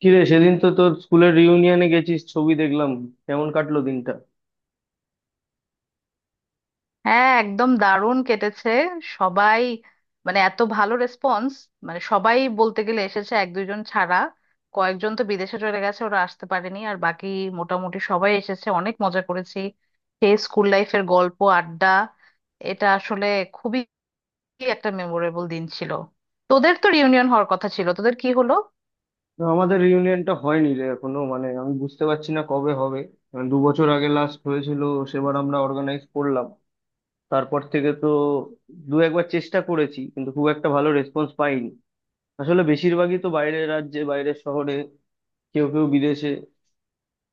কিরে, সেদিন তো তোর স্কুলের রিউনিয়নে গেছিস, ছবি দেখলাম। কেমন কাটলো দিনটা? হ্যাঁ, একদম দারুণ কেটেছে। সবাই, মানে এত ভালো রেসপন্স। মানে সবাই বলতে গেলে এসেছে, এক দুজন ছাড়া। কয়েকজন তো বিদেশে চলে গেছে, ওরা আসতে পারেনি, আর বাকি মোটামুটি সবাই এসেছে, অনেক মজা করেছি। সেই স্কুল লাইফের গল্প, আড্ডা। এটা আসলে খুবই একটা মেমোরেবল দিন ছিল। তোদের তো রিউনিয়ন হওয়ার কথা ছিল, তোদের কি হলো? না, আমাদের রিউনিয়নটা হয়নি রে এখনো, মানে আমি বুঝতে পারছি না কবে হবে। মানে 2 বছর আগে লাস্ট হয়েছিল, সেবার আমরা অর্গানাইজ করলাম। তারপর থেকে তো দু একবার চেষ্টা করেছি, কিন্তু খুব একটা ভালো রেসপন্স পাইনি। আসলে বেশিরভাগই তো বাইরের রাজ্যে, বাইরের শহরে, কেউ কেউ বিদেশে।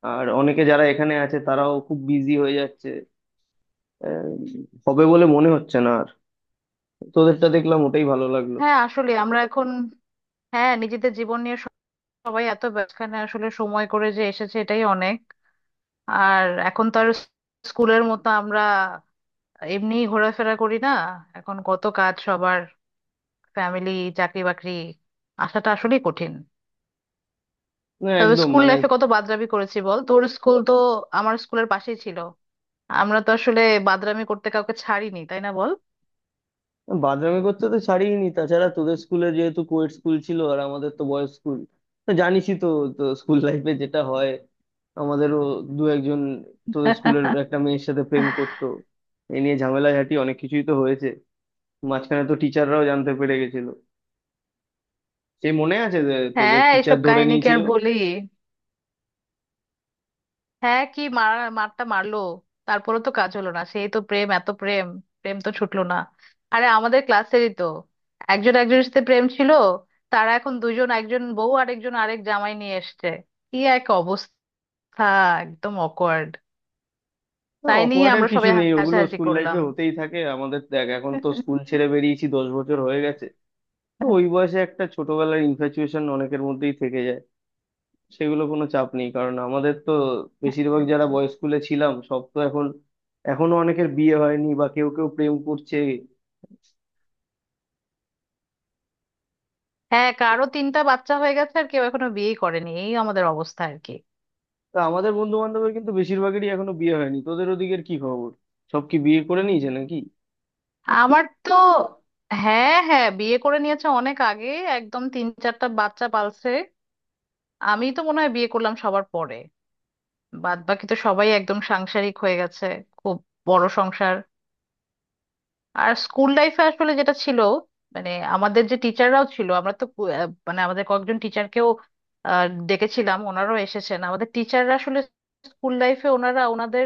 আর অনেকে যারা এখানে আছে তারাও খুব বিজি হয়ে যাচ্ছে। আহ, হবে বলে মনে হচ্ছে না আর। তোদেরটা দেখলাম, ওটাই ভালো লাগলো। হ্যাঁ, আসলে আমরা এখন, হ্যাঁ, নিজেদের জীবন নিয়ে সবাই এত ব্যস্তখানে আসলে সময় করে যে এসেছে এটাই অনেক। আর এখন তো আর স্কুলের মতো আমরা এমনি ঘোরাফেরা করি না। এখন কত কাজ সবার, ফ্যামিলি, চাকরি বাকরি, আসাটা আসলেই কঠিন। না তবে একদম, স্কুল মানে লাইফে কত বাদরামি করেছি বল। তোর স্কুল তো আমার স্কুলের পাশেই ছিল। আমরা তো আসলে বাদরামি করতে কাউকে ছাড়িনি, তাই না বল? বাদামি করতে তো ছাড়িনি। তাছাড়া তোদের স্কুলে যেহেতু কোয়েট স্কুল ছিল আর আমাদের তো বয়েজ স্কুল, জানিসই তো। তো স্কুল লাইফে যেটা হয়, আমাদেরও দু একজন তোদের স্কুলের একটা মেয়ের সাথে প্রেম করতো। এ নিয়ে ঝামেলা ঝাঁটি অনেক কিছুই তো হয়েছে। মাঝখানে তো টিচাররাও জানতে পেরে গেছিল, সেই মনে আছে যে তোদের হ্যাঁ, টিচার এইসব ধরে কাহিনী কি নিয়েছিল। আর বলি। হ্যাঁ, কি মার, মারটা মারলো। তারপরে তো কাজ হলো না, সেই তো প্রেম, এত প্রেম, প্রেম তো ছুটলো না। আরে আমাদের ক্লাসেরই তো একজন একজনের সাথে প্রেম ছিল, তারা এখন দুজন, একজন বউ আর একজন আরেক জামাই নিয়ে এসছে। কি এক অবস্থা, একদম অকওয়ার্ড। না, তাই নিয়ে awkward এর আমরা কিছু সবাই নেই, ওগুলো হাসাহাসি স্কুল করলাম। লাইফে হতেই থাকে। আমাদের দেখ, এখন তো স্কুল ছেড়ে বেরিয়েছি 10 বছর হয়ে গেছে। তো ওই বয়সে একটা ছোটবেলার ইনফ্যাচুয়েশন অনেকের মধ্যেই থেকে যায়। সেগুলো কোনো চাপ নেই, কারণ আমাদের তো বেশিরভাগ যারা বয়েজ স্কুলে ছিলাম সব তো এখন, এখনো অনেকের বিয়ে হয়নি বা কেউ কেউ প্রেম করছে। হ্যাঁ, কারো তিনটা বাচ্চা হয়ে গেছে, আর কেউ এখনো বিয়ে করেনি, এই আমাদের অবস্থা আর কি। তা আমাদের বন্ধু বান্ধবের কিন্তু বেশিরভাগেরই এখনো বিয়ে হয়নি, তোদের ওদিকের কি খবর? সব কি বিয়ে করে নিয়েছে নাকি? আমার তো, হ্যাঁ হ্যাঁ, বিয়ে করে নিয়েছে অনেক আগে, একদম তিন চারটা বাচ্চা পালছে। আমি তো মনে হয় বিয়ে করলাম সবার পরে। বাদ বাকি তো সবাই একদম সাংসারিক হয়ে গেছে, খুব বড় সংসার। আর স্কুল লাইফে আসলে যেটা ছিল, মানে আমাদের যে টিচাররাও ছিল, আমরা তো মানে আমাদের কয়েকজন টিচারকেও ডেকেছিলাম, ওনারাও এসেছেন। আমাদের টিচাররা আসলে স্কুল লাইফে ওনারা ওনাদের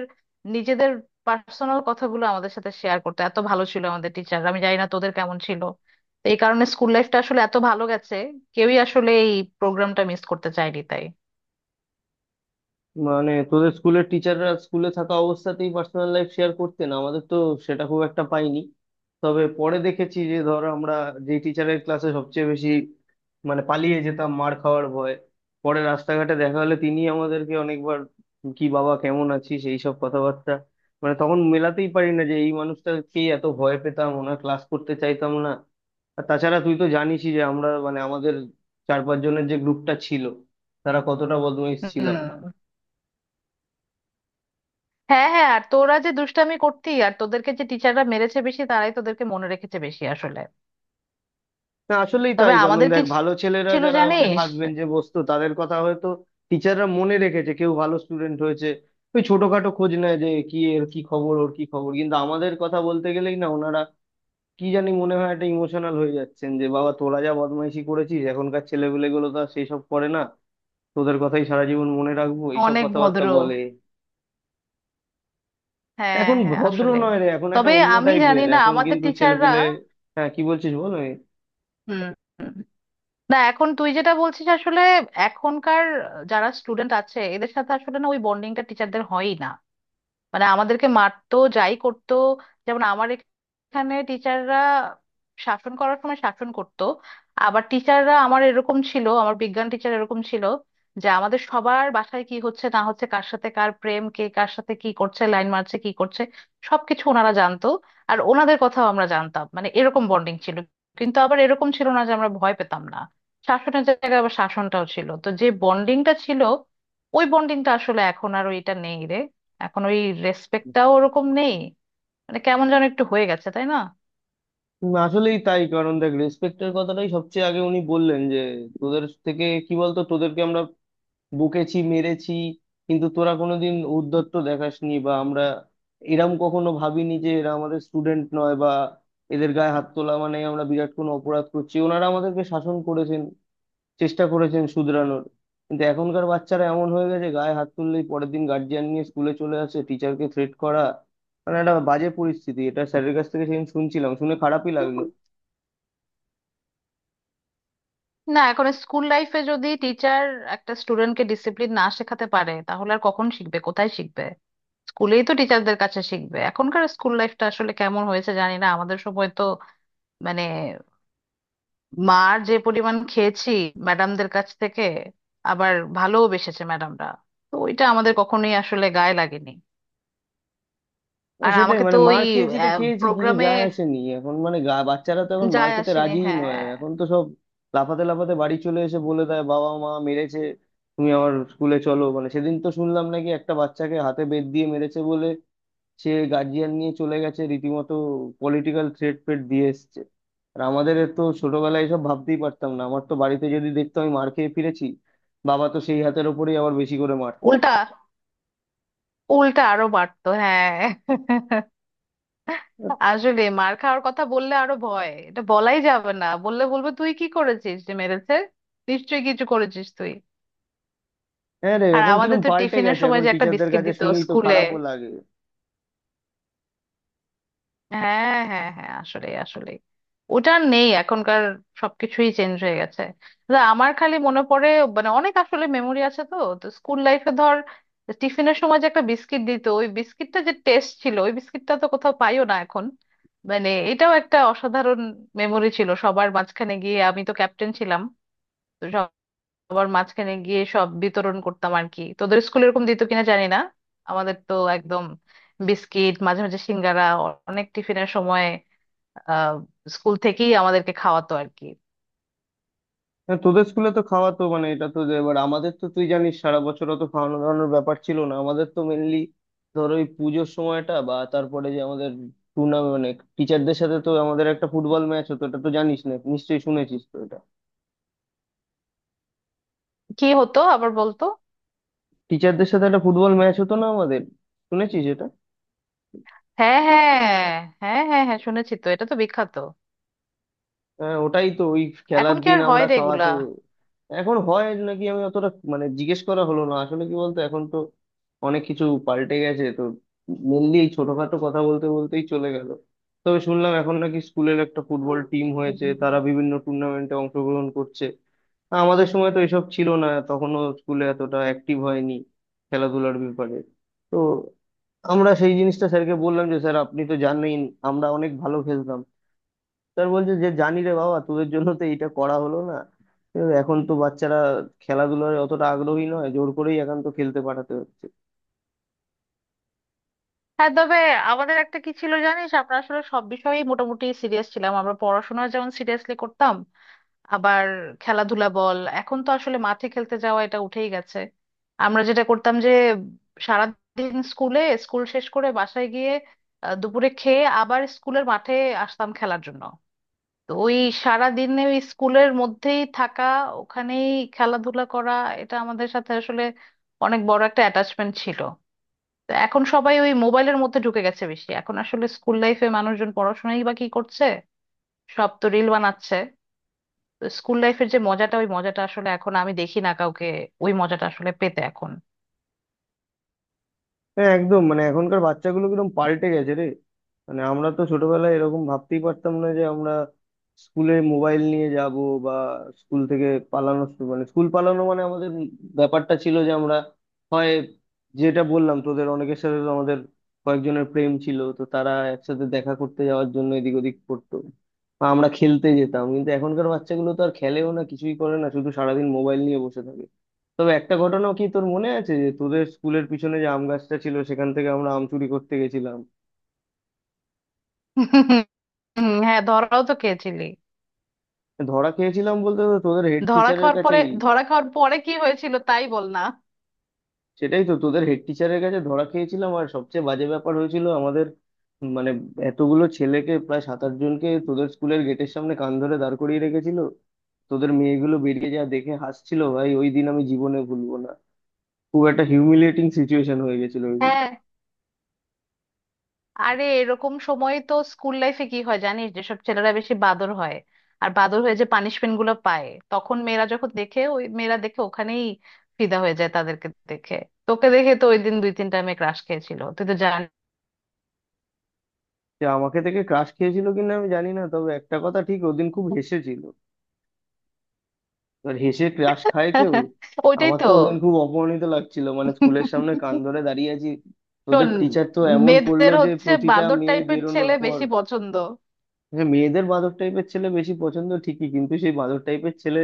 নিজেদের পার্সোনাল কথাগুলো আমাদের সাথে শেয়ার করতে, এত ভালো ছিল আমাদের টিচার, আমি জানি না তোদের কেমন ছিল। তো এই কারণে স্কুল লাইফটা আসলে এত ভালো গেছে। কেউই আসলে এই প্রোগ্রামটা মিস করতে চায়নি তাই। মানে তোদের স্কুলের টিচাররা স্কুলে থাকা অবস্থাতেই পার্সোনাল লাইফ শেয়ার করতেন, আমাদের তো সেটা খুব একটা পাইনি। তবে পরে দেখেছি যে, ধর আমরা যে টিচারের ক্লাসে সবচেয়ে বেশি, মানে পালিয়ে যেতাম মার খাওয়ার ভয়, পরে রাস্তাঘাটে দেখা হলে তিনি আমাদেরকে অনেকবার কি বাবা কেমন আছিস এই সব কথাবার্তা। মানে তখন মেলাতেই পারি না যে এই মানুষটাকেই এত ভয় পেতাম, ওনার ক্লাস করতে চাইতাম না। আর তাছাড়া তুই তো জানিসই যে আমরা, মানে আমাদের চার পাঁচ জনের যে গ্রুপটা ছিল, তারা কতটা বদমাইশ ছিলাম। হুম। হ্যাঁ হ্যাঁ, আর তোরা যে দুষ্টামি করতি, আর তোদেরকে যে টিচাররা মেরেছে বেশি তারাই তোদেরকে মনে রেখেছে বেশি আসলে। না আসলেই তবে তাই, কারণ আমাদের কি দেখ ভালো ছেলেরা ছিল যারা মানে জানিস, ফার্স্ট বেঞ্চে বসতো তাদের কথা হয়তো টিচাররা মনে রেখেছে, কেউ ভালো স্টুডেন্ট হয়েছে ওই ছোটখাটো খোঁজ নেয় যে কি এর কি খবর, ওর কি খবর। কিন্তু আমাদের কথা বলতে গেলেই না ওনারা কি জানি মনে হয় একটা ইমোশনাল হয়ে যাচ্ছেন, যে বাবা তোরা যা বদমাইশি করেছিস এখনকার ছেলেপিলেগুলো তো আর সেসব করে না, তোদের কথাই সারা জীবন মনে রাখবো, এইসব অনেক কথাবার্তা ভদ্র। বলে। হ্যাঁ এখন হ্যাঁ, ভদ্র আসলে নয় রে, এখন একটা তবে অন্য আমি জানি টাইপের না এখন আমাদের কিন্তু টিচাররা। ছেলেপিলে। হ্যাঁ, কি বলছিস বল। হুম হুম। না, এখন তুই যেটা বলছিস আসলে এখনকার যারা স্টুডেন্ট আছে এদের সাথে আসলে না, ওই বন্ডিংটা টিচারদের হয়ই না। মানে আমাদেরকে মারতো, যাই করতো, যেমন আমার এখানে টিচাররা শাসন করার সময় শাসন করতো। আবার টিচাররা আমার এরকম ছিল, আমার বিজ্ঞান টিচার এরকম ছিল যে আমাদের সবার বাসায় কি হচ্ছে না হচ্ছে, কার সাথে কার প্রেম, কে কার সাথে কি করছে, লাইন মারছে কি করছে, সবকিছু ওনারা জানতো। আর ওনাদের কথাও আমরা জানতাম, মানে এরকম বন্ডিং ছিল। কিন্তু আবার এরকম ছিল না যে আমরা ভয় পেতাম না, শাসনের জায়গায় আবার শাসনটাও ছিল, তো যে বন্ডিংটা ছিল ওই বন্ডিংটা আসলে এখন আর ওইটা নেই রে। এখন ওই রেসপেক্টটাও ওরকম নেই, মানে কেমন যেন একটু হয়ে গেছে তাই না? আসলেই তাই, কারণ দেখ রেসপেক্টের কথাটাই সবচেয়ে আগে উনি বললেন যে তোদের থেকে কি বলতো, তোদেরকে আমরা বকেছি, মেরেছি, কিন্তু তোরা কোনোদিন ঔদ্ধত্য দেখাসনি। বা আমরা এরম কখনো ভাবিনি যে এরা আমাদের স্টুডেন্ট নয় বা এদের গায়ে হাত তোলা মানে আমরা বিরাট কোনো অপরাধ করছি। ওনারা আমাদেরকে শাসন করেছেন, চেষ্টা করেছেন শুধরানোর। কিন্তু এখনকার বাচ্চারা এমন হয়ে গেছে, গায়ে হাত তুললেই পরের দিন গার্জিয়ান নিয়ে স্কুলে চলে আসে টিচারকে থ্রেট করা, মানে একটা বাজে পরিস্থিতি। এটা স্যারের কাছ থেকে সেদিন শুনছিলাম, শুনে খারাপই তো লাগলো। না, এখন স্কুল লাইফে যদি টিচার একটা স্টুডেন্টকে ডিসিপ্লিন না শেখাতে পারে তাহলে আর কখন শিখবে, কোথায় শিখবে? স্কুলেই তো টিচারদের কাছে শিখবে। এখনকার স্কুল লাইফটা আসলে কেমন হয়েছে জানি না, আমাদের সময় তো মানে মার যে পরিমাণ খেয়েছি ম্যাডামদের কাছ থেকে, আবার ভালোও বেসেছে ম্যাডামরা, তো ওইটা আমাদের কখনোই আসলে গায়ে লাগেনি। না, আর সেটাই, আমাকে তো মানে ওই মার খেয়েছি তো খেয়েছি, কিছু প্রোগ্রামে, যায় আসেনি। এখন মানে গা বাচ্চারা তো এখন মার যায় খেতে আসেনি রাজিই নয়, হ্যাঁ। এখন তো সব লাফাতে লাফাতে বাড়ি চলে এসে বলে দেয় বাবা মা মেরেছে, তুমি আমার স্কুলে চলো। মানে সেদিন তো শুনলাম নাকি একটা বাচ্চাকে হাতে বেত দিয়ে মেরেছে বলে সে গার্জিয়ান নিয়ে চলে গেছে, রীতিমতো পলিটিক্যাল থ্রেট ফ্রেট দিয়ে এসছে। আর আমাদের তো ছোটবেলায় এসব ভাবতেই পারতাম না, আমার তো বাড়িতে যদি দেখতো আমি মার খেয়ে ফিরেছি, বাবা তো সেই হাতের ওপরেই আবার বেশি করে মারতো। উল্টা, উল্টা আরো বাড়তো হ্যাঁ। আসলে মার খাওয়ার কথা বললে আরো ভয়, এটা বলাই যাবে না, বললে বলবে তুই কি করেছিস যে মেরেছে, নিশ্চয়ই কিছু করেছিস তুই। হ্যাঁ রে, আর এখন আমাদের কিরকম তো পাল্টে টিফিনের গেছে, সময় এখন যে একটা টিচারদের বিস্কিট কাছে দিত শুনি তো স্কুলে। খারাপও লাগে। হ্যাঁ হ্যাঁ হ্যাঁ, আসলে আসলে ওটা আর নেই এখনকার, সবকিছুই চেঞ্জ হয়ে গেছে। তা আমার খালি মনে পড়ে, মানে অনেক আসলে মেমোরি আছে তো, তো স্কুল লাইফে ধর টিফিনের সময় যে একটা বিস্কিট দিত, ওই বিস্কিটটা যে টেস্ট ছিল, ওই বিস্কিটটা তো কোথাও পাইও না এখন। মানে এটাও একটা অসাধারণ মেমোরি ছিল, সবার মাঝখানে গিয়ে আমি তো ক্যাপ্টেন ছিলাম, আবার মাঝখানে গিয়ে সব বিতরণ করতাম আর কি। তোদের স্কুলে এরকম দিত কিনা জানি না। আমাদের তো একদম বিস্কিট, মাঝে মাঝে সিঙ্গারা, অনেক টিফিনের সময় আহ স্কুল থেকেই আমাদেরকে খাওয়াতো আর কি। হ্যাঁ, তোদের স্কুলে তো খাওয়াতো, মানে এটা তো এবার আমাদের তো তুই জানিস সারা বছর অত খাওয়ানো দাওয়ানোর ব্যাপার ছিল না। আমাদের তো মেনলি ধর ওই পুজোর সময়টা, বা তারপরে যে আমাদের টুর্নামেন্ট, মানে টিচারদের সাথে তো আমাদের একটা ফুটবল ম্যাচ হতো, এটা তো জানিস না নিশ্চয়ই, শুনেছিস তো এটা? কি হতো আবার বলতো? টিচারদের সাথে একটা ফুটবল ম্যাচ হতো না আমাদের, শুনেছিস এটা? হ্যাঁ হ্যাঁ হ্যাঁ হ্যাঁ হ্যাঁ, শুনেছি তো, এটা তো বিখ্যাত। হ্যাঁ ওটাই তো, ওই এখন খেলার কি দিন আর হয় আমরা রে খাওয়া এগুলা? তো। এখন হয় নাকি আমি অতটা মানে জিজ্ঞেস করা হলো না আসলে, কি বলতো এখন তো অনেক কিছু পাল্টে গেছে তো। মেনলি এই ছোটখাটো কথা বলতে বলতেই চলে গেল। তবে শুনলাম এখন নাকি স্কুলের একটা ফুটবল টিম হয়েছে, হুম। তারা বিভিন্ন টুর্নামেন্টে অংশগ্রহণ করছে। আমাদের সময় তো এসব ছিল না, তখনও স্কুলে এতটা অ্যাক্টিভ হয়নি খেলাধুলার ব্যাপারে। তো আমরা সেই জিনিসটা স্যারকে বললাম যে স্যার আপনি তো জানেন আমরা অনেক ভালো খেলতাম। স্যার বলছে যে জানি রে বাবা, তোদের জন্য তো এইটা করা হলো না। ঠিক আছে, এখন তো বাচ্চারা খেলাধুলায় অতটা আগ্রহী নয়, জোর করেই এখন তো খেলতে পাঠাতে হচ্ছে। হ্যাঁ তবে আমাদের একটা কি ছিল জানিস, আমরা আসলে সব বিষয়েই মোটামুটি সিরিয়াস ছিলাম, আমরা পড়াশোনা যেমন সিরিয়াসলি করতাম, আবার খেলাধুলা বল। এখন তো আসলে মাঠে খেলতে যাওয়া এটা উঠেই গেছে। আমরা যেটা করতাম যে সারাদিন স্কুলে, স্কুল শেষ করে বাসায় গিয়ে দুপুরে খেয়ে আবার স্কুলের মাঠে আসতাম খেলার জন্য। তো ওই সারাদিনে ওই স্কুলের মধ্যেই থাকা, ওখানেই খেলাধুলা করা, এটা আমাদের সাথে আসলে অনেক বড় একটা অ্যাটাচমেন্ট ছিল। তো এখন সবাই ওই মোবাইলের মধ্যে ঢুকে গেছে বেশি। এখন আসলে স্কুল লাইফে মানুষজন পড়াশোনাই বা কি করছে, সব তো রিল বানাচ্ছে। স্কুল লাইফের যে মজাটা, ওই মজাটা আসলে এখন আমি দেখি না কাউকে, ওই মজাটা আসলে পেতে এখন। হ্যাঁ একদম, মানে এখনকার বাচ্চাগুলো কিরকম পাল্টে গেছে রে। মানে আমরা তো ছোটবেলায় এরকম ভাবতেই পারতাম না যে আমরা স্কুলে মোবাইল নিয়ে যাব, বা স্কুল থেকে পালানো মানে স্কুল পালানো মানে আমাদের ব্যাপারটা ছিল যে আমরা হয়, যেটা বললাম তোদের, অনেকের সাথে তো আমাদের কয়েকজনের প্রেম ছিল তো তারা একসাথে দেখা করতে যাওয়ার জন্য এদিক ওদিক করতো, বা আমরা খেলতে যেতাম। কিন্তু এখনকার বাচ্চাগুলো তো আর খেলেও না, কিছুই করে না, শুধু সারাদিন মোবাইল নিয়ে বসে থাকে। তবে একটা ঘটনাও কি তোর মনে আছে যে তোদের স্কুলের পিছনে যে আম গাছটা ছিল সেখান থেকে আমরা আম চুরি করতে গেছিলাম? হুম, হ্যাঁ, ধরাও তো খেয়েছিলি। ধরা খেয়েছিলাম বলতে তো তোদের হেড ধরা টিচারের খাওয়ার পরে কাছেই। ধরা খাওয়ার পরে কি হয়েছিল তাই বল না। সেটাই তো, তোদের হেড টিচারের কাছে ধরা খেয়েছিলাম, আর সবচেয়ে বাজে ব্যাপার হয়েছিল আমাদের, মানে এতগুলো ছেলেকে, প্রায় সাত আট জনকে, তোদের স্কুলের গেটের সামনে কান ধরে দাঁড় করিয়ে রেখেছিল। তোদের মেয়েগুলো বেরিয়ে যা দেখে হাসছিল, ভাই ওই দিন আমি জীবনে ভুলবো না। খুব একটা হিউমিলিয়েটিং সিচুয়েশন হয়ে গেছিল ওই দিন। হ্যাঁ, আরে এরকম সময় তো স্কুল লাইফে কি হয় জানিস, যেসব ছেলেরা বেশি বাদর হয় আর বাদর হয়ে যে পানিশমেন্ট গুলো পায়, তখন মেয়েরা যখন দেখে, ওই মেয়েরা দেখে ওখানেই ফিদা হয়ে যায় তাদেরকে দেখে। তোকে দেখে তো ওই দিন দুই তিনটা মেয়ে ক্রাশ খেয়েছিল, তুই তো জানিস। সে আমাকে থেকে ক্রাশ খেয়েছিল কিনা আমি জানি না, তবে একটা কথা ঠিক, ওদিন খুব হেসেছিল। এবার হেসে ক্রাশ খায় কেউ? ওইটাই আমার তো। তো ওদিন খুব অপমানিত লাগছিল, মানে স্কুলের সামনে কান ধরে দাঁড়িয়ে আছি, তোদের শোন, টিচার তো এমন করলো মেয়েদের যে হচ্ছে প্রতিটা বাঁদর মেয়ে টাইপের বেরোনোর ছেলে পর। বেশি পছন্দ। হ্যাঁ, মেয়েদের বাঁদর টাইপের ছেলে বেশি পছন্দ ঠিকই, কিন্তু সেই বাঁদর টাইপের ছেলে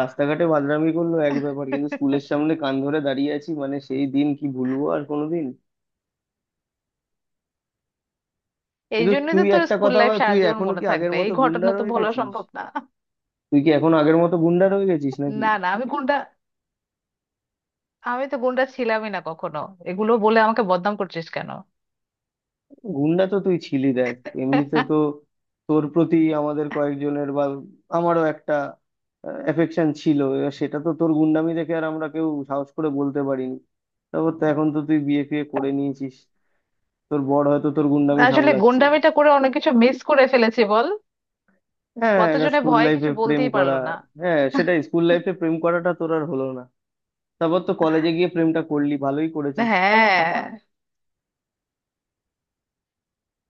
রাস্তাঘাটে বাদরামি করলো এক ব্যাপার, কিন্তু স্কুলের সামনে কান ধরে দাঁড়িয়ে আছি, মানে সেই দিন কি ভুলবো আর কোনোদিন? এই কিন্তু জন্যই তো তুই তোর একটা স্কুল কথা লাইফ বল, সারা তুই জীবন এখনো মনে কি আগের থাকবে, এই মতো গুন্ডা ঘটনা তো রয়ে ভোলা গেছিস? সম্ভব না। তুই কি এখন আগের মতো গুন্ডা রয়ে গেছিস নাকি? না না, আমি গুন্ডা, আমি তো গুন্ডা ছিলামই না কখনো, এগুলো বলে আমাকে বদনাম করছিস কেন? গুন্ডা তো তুই ছিলি দেখ। এমনিতে তো তোর প্রতি আমাদের কয়েকজনের, বা আমারও একটা এফেকশন ছিল, এবার সেটা তো তোর গুন্ডামি দেখে আর আমরা কেউ সাহস করে বলতে পারিনি। তারপর তো এখন তো তুই বিয়ে ফিয়ে করে নিয়েছিস, তোর বর হয়তো তোর গুন্ডামি আসলে সামলাচ্ছে। গুন্ডামিটা করে অনেক কিছু মিস করে ফেলেছি বল। হ্যাঁ, এটা কতজনে স্কুল ভয়ে লাইফে কিছু প্রেম বলতেই করা। পারলো না। হ্যাঁ সেটাই, স্কুল লাইফে প্রেম করাটা তোর আর হলো না, তারপর তো কলেজে গিয়ে প্রেমটা করলি, ভালোই করেছিস। হ্যাঁ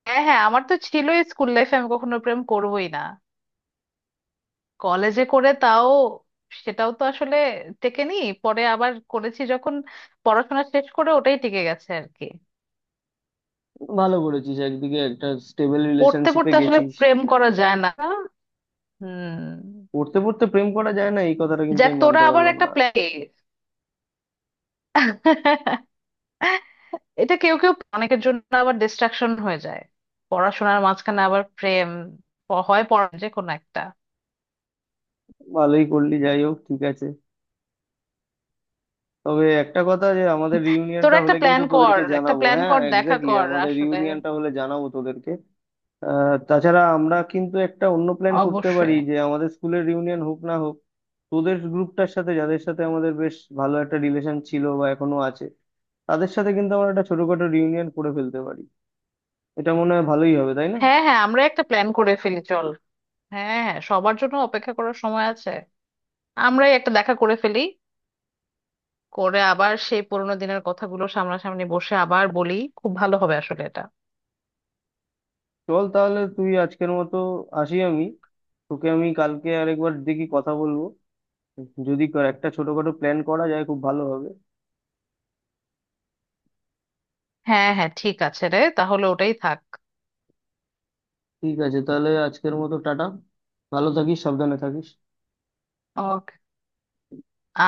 হ্যাঁ হ্যাঁ, আমার তো ছিল স্কুল লাইফে আমি কখনো প্রেম করবোই না। কলেজে করে, তাও সেটাও তো আসলে টেকেনি, পরে আবার করেছি যখন পড়াশোনা শেষ করে, ওটাই টিকে গেছে আর কি। ভালো করেছিস, একদিকে একটা স্টেবল পড়তে রিলেশনশিপে পড়তে আসলে গেছিস। প্রেম করা যায় না। হুম। পড়তে পড়তে প্রেম করা যায় না এই কথাটা কিন্তু যাক, আমি তোরা মানতে আবার পারলাম। একটা প্ল্যান। এটা কেউ কেউ, অনেকের জন্য আবার ডিস্ট্রাকশন হয়ে যায়, পড়াশোনার মাঝখানে আবার প্রেম। হয় পড়া, যে কোনো একটা। ভালোই করলি, যাই হোক ঠিক আছে। তবে একটা কথা, যে আমাদের রিউনিয়নটা তোরা একটা হলে কিন্তু প্ল্যান কর, তোদেরকে একটা জানাবো, প্ল্যান হ্যাঁ কর, দেখা এক্স্যাক্টলি, কর আমাদের আসলে। রিউনিয়নটা হলে জানাবো তোদেরকে। তাছাড়া আমরা কিন্তু একটা অন্য প্ল্যান করতে পারি, অবশ্যই। যে আমাদের স্কুলের রিউনিয়ন হোক না হোক, তোদের গ্রুপটার সাথে যাদের সাথে আমাদের বেশ ভালো একটা রিলেশন ছিল বা এখনো আছে, তাদের সাথে কিন্তু আমরা একটা ছোটখাটো রিউনিয়ন করে ফেলতে পারি। এটা মনে হয় ভালোই হবে, তাই না? হ্যাঁ হ্যাঁ, আমরা একটা প্ল্যান করে ফেলি চল। হ্যাঁ হ্যাঁ, সবার জন্য অপেক্ষা করার সময় আছে, আমরাই একটা দেখা করে ফেলি, করে আবার সেই পুরোনো দিনের কথাগুলো সামনাসামনি বসে আবার বলি, খুব ভালো হবে আসলে এটা। চল তাহলে, তুই আজকের মতো আসি আমি। তোকে আমি কালকে আরেকবার দেখি কথা বলবো, যদি একটা ছোটখাটো প্ল্যান করা যায় খুব ভালো হবে। হ্যাঁ হ্যাঁ, ঠিক আছে রে, তাহলে ওটাই থাক। ঠিক আছে তাহলে, আজকের মতো টাটা। ভালো থাকিস, সাবধানে থাকিস। ওকে।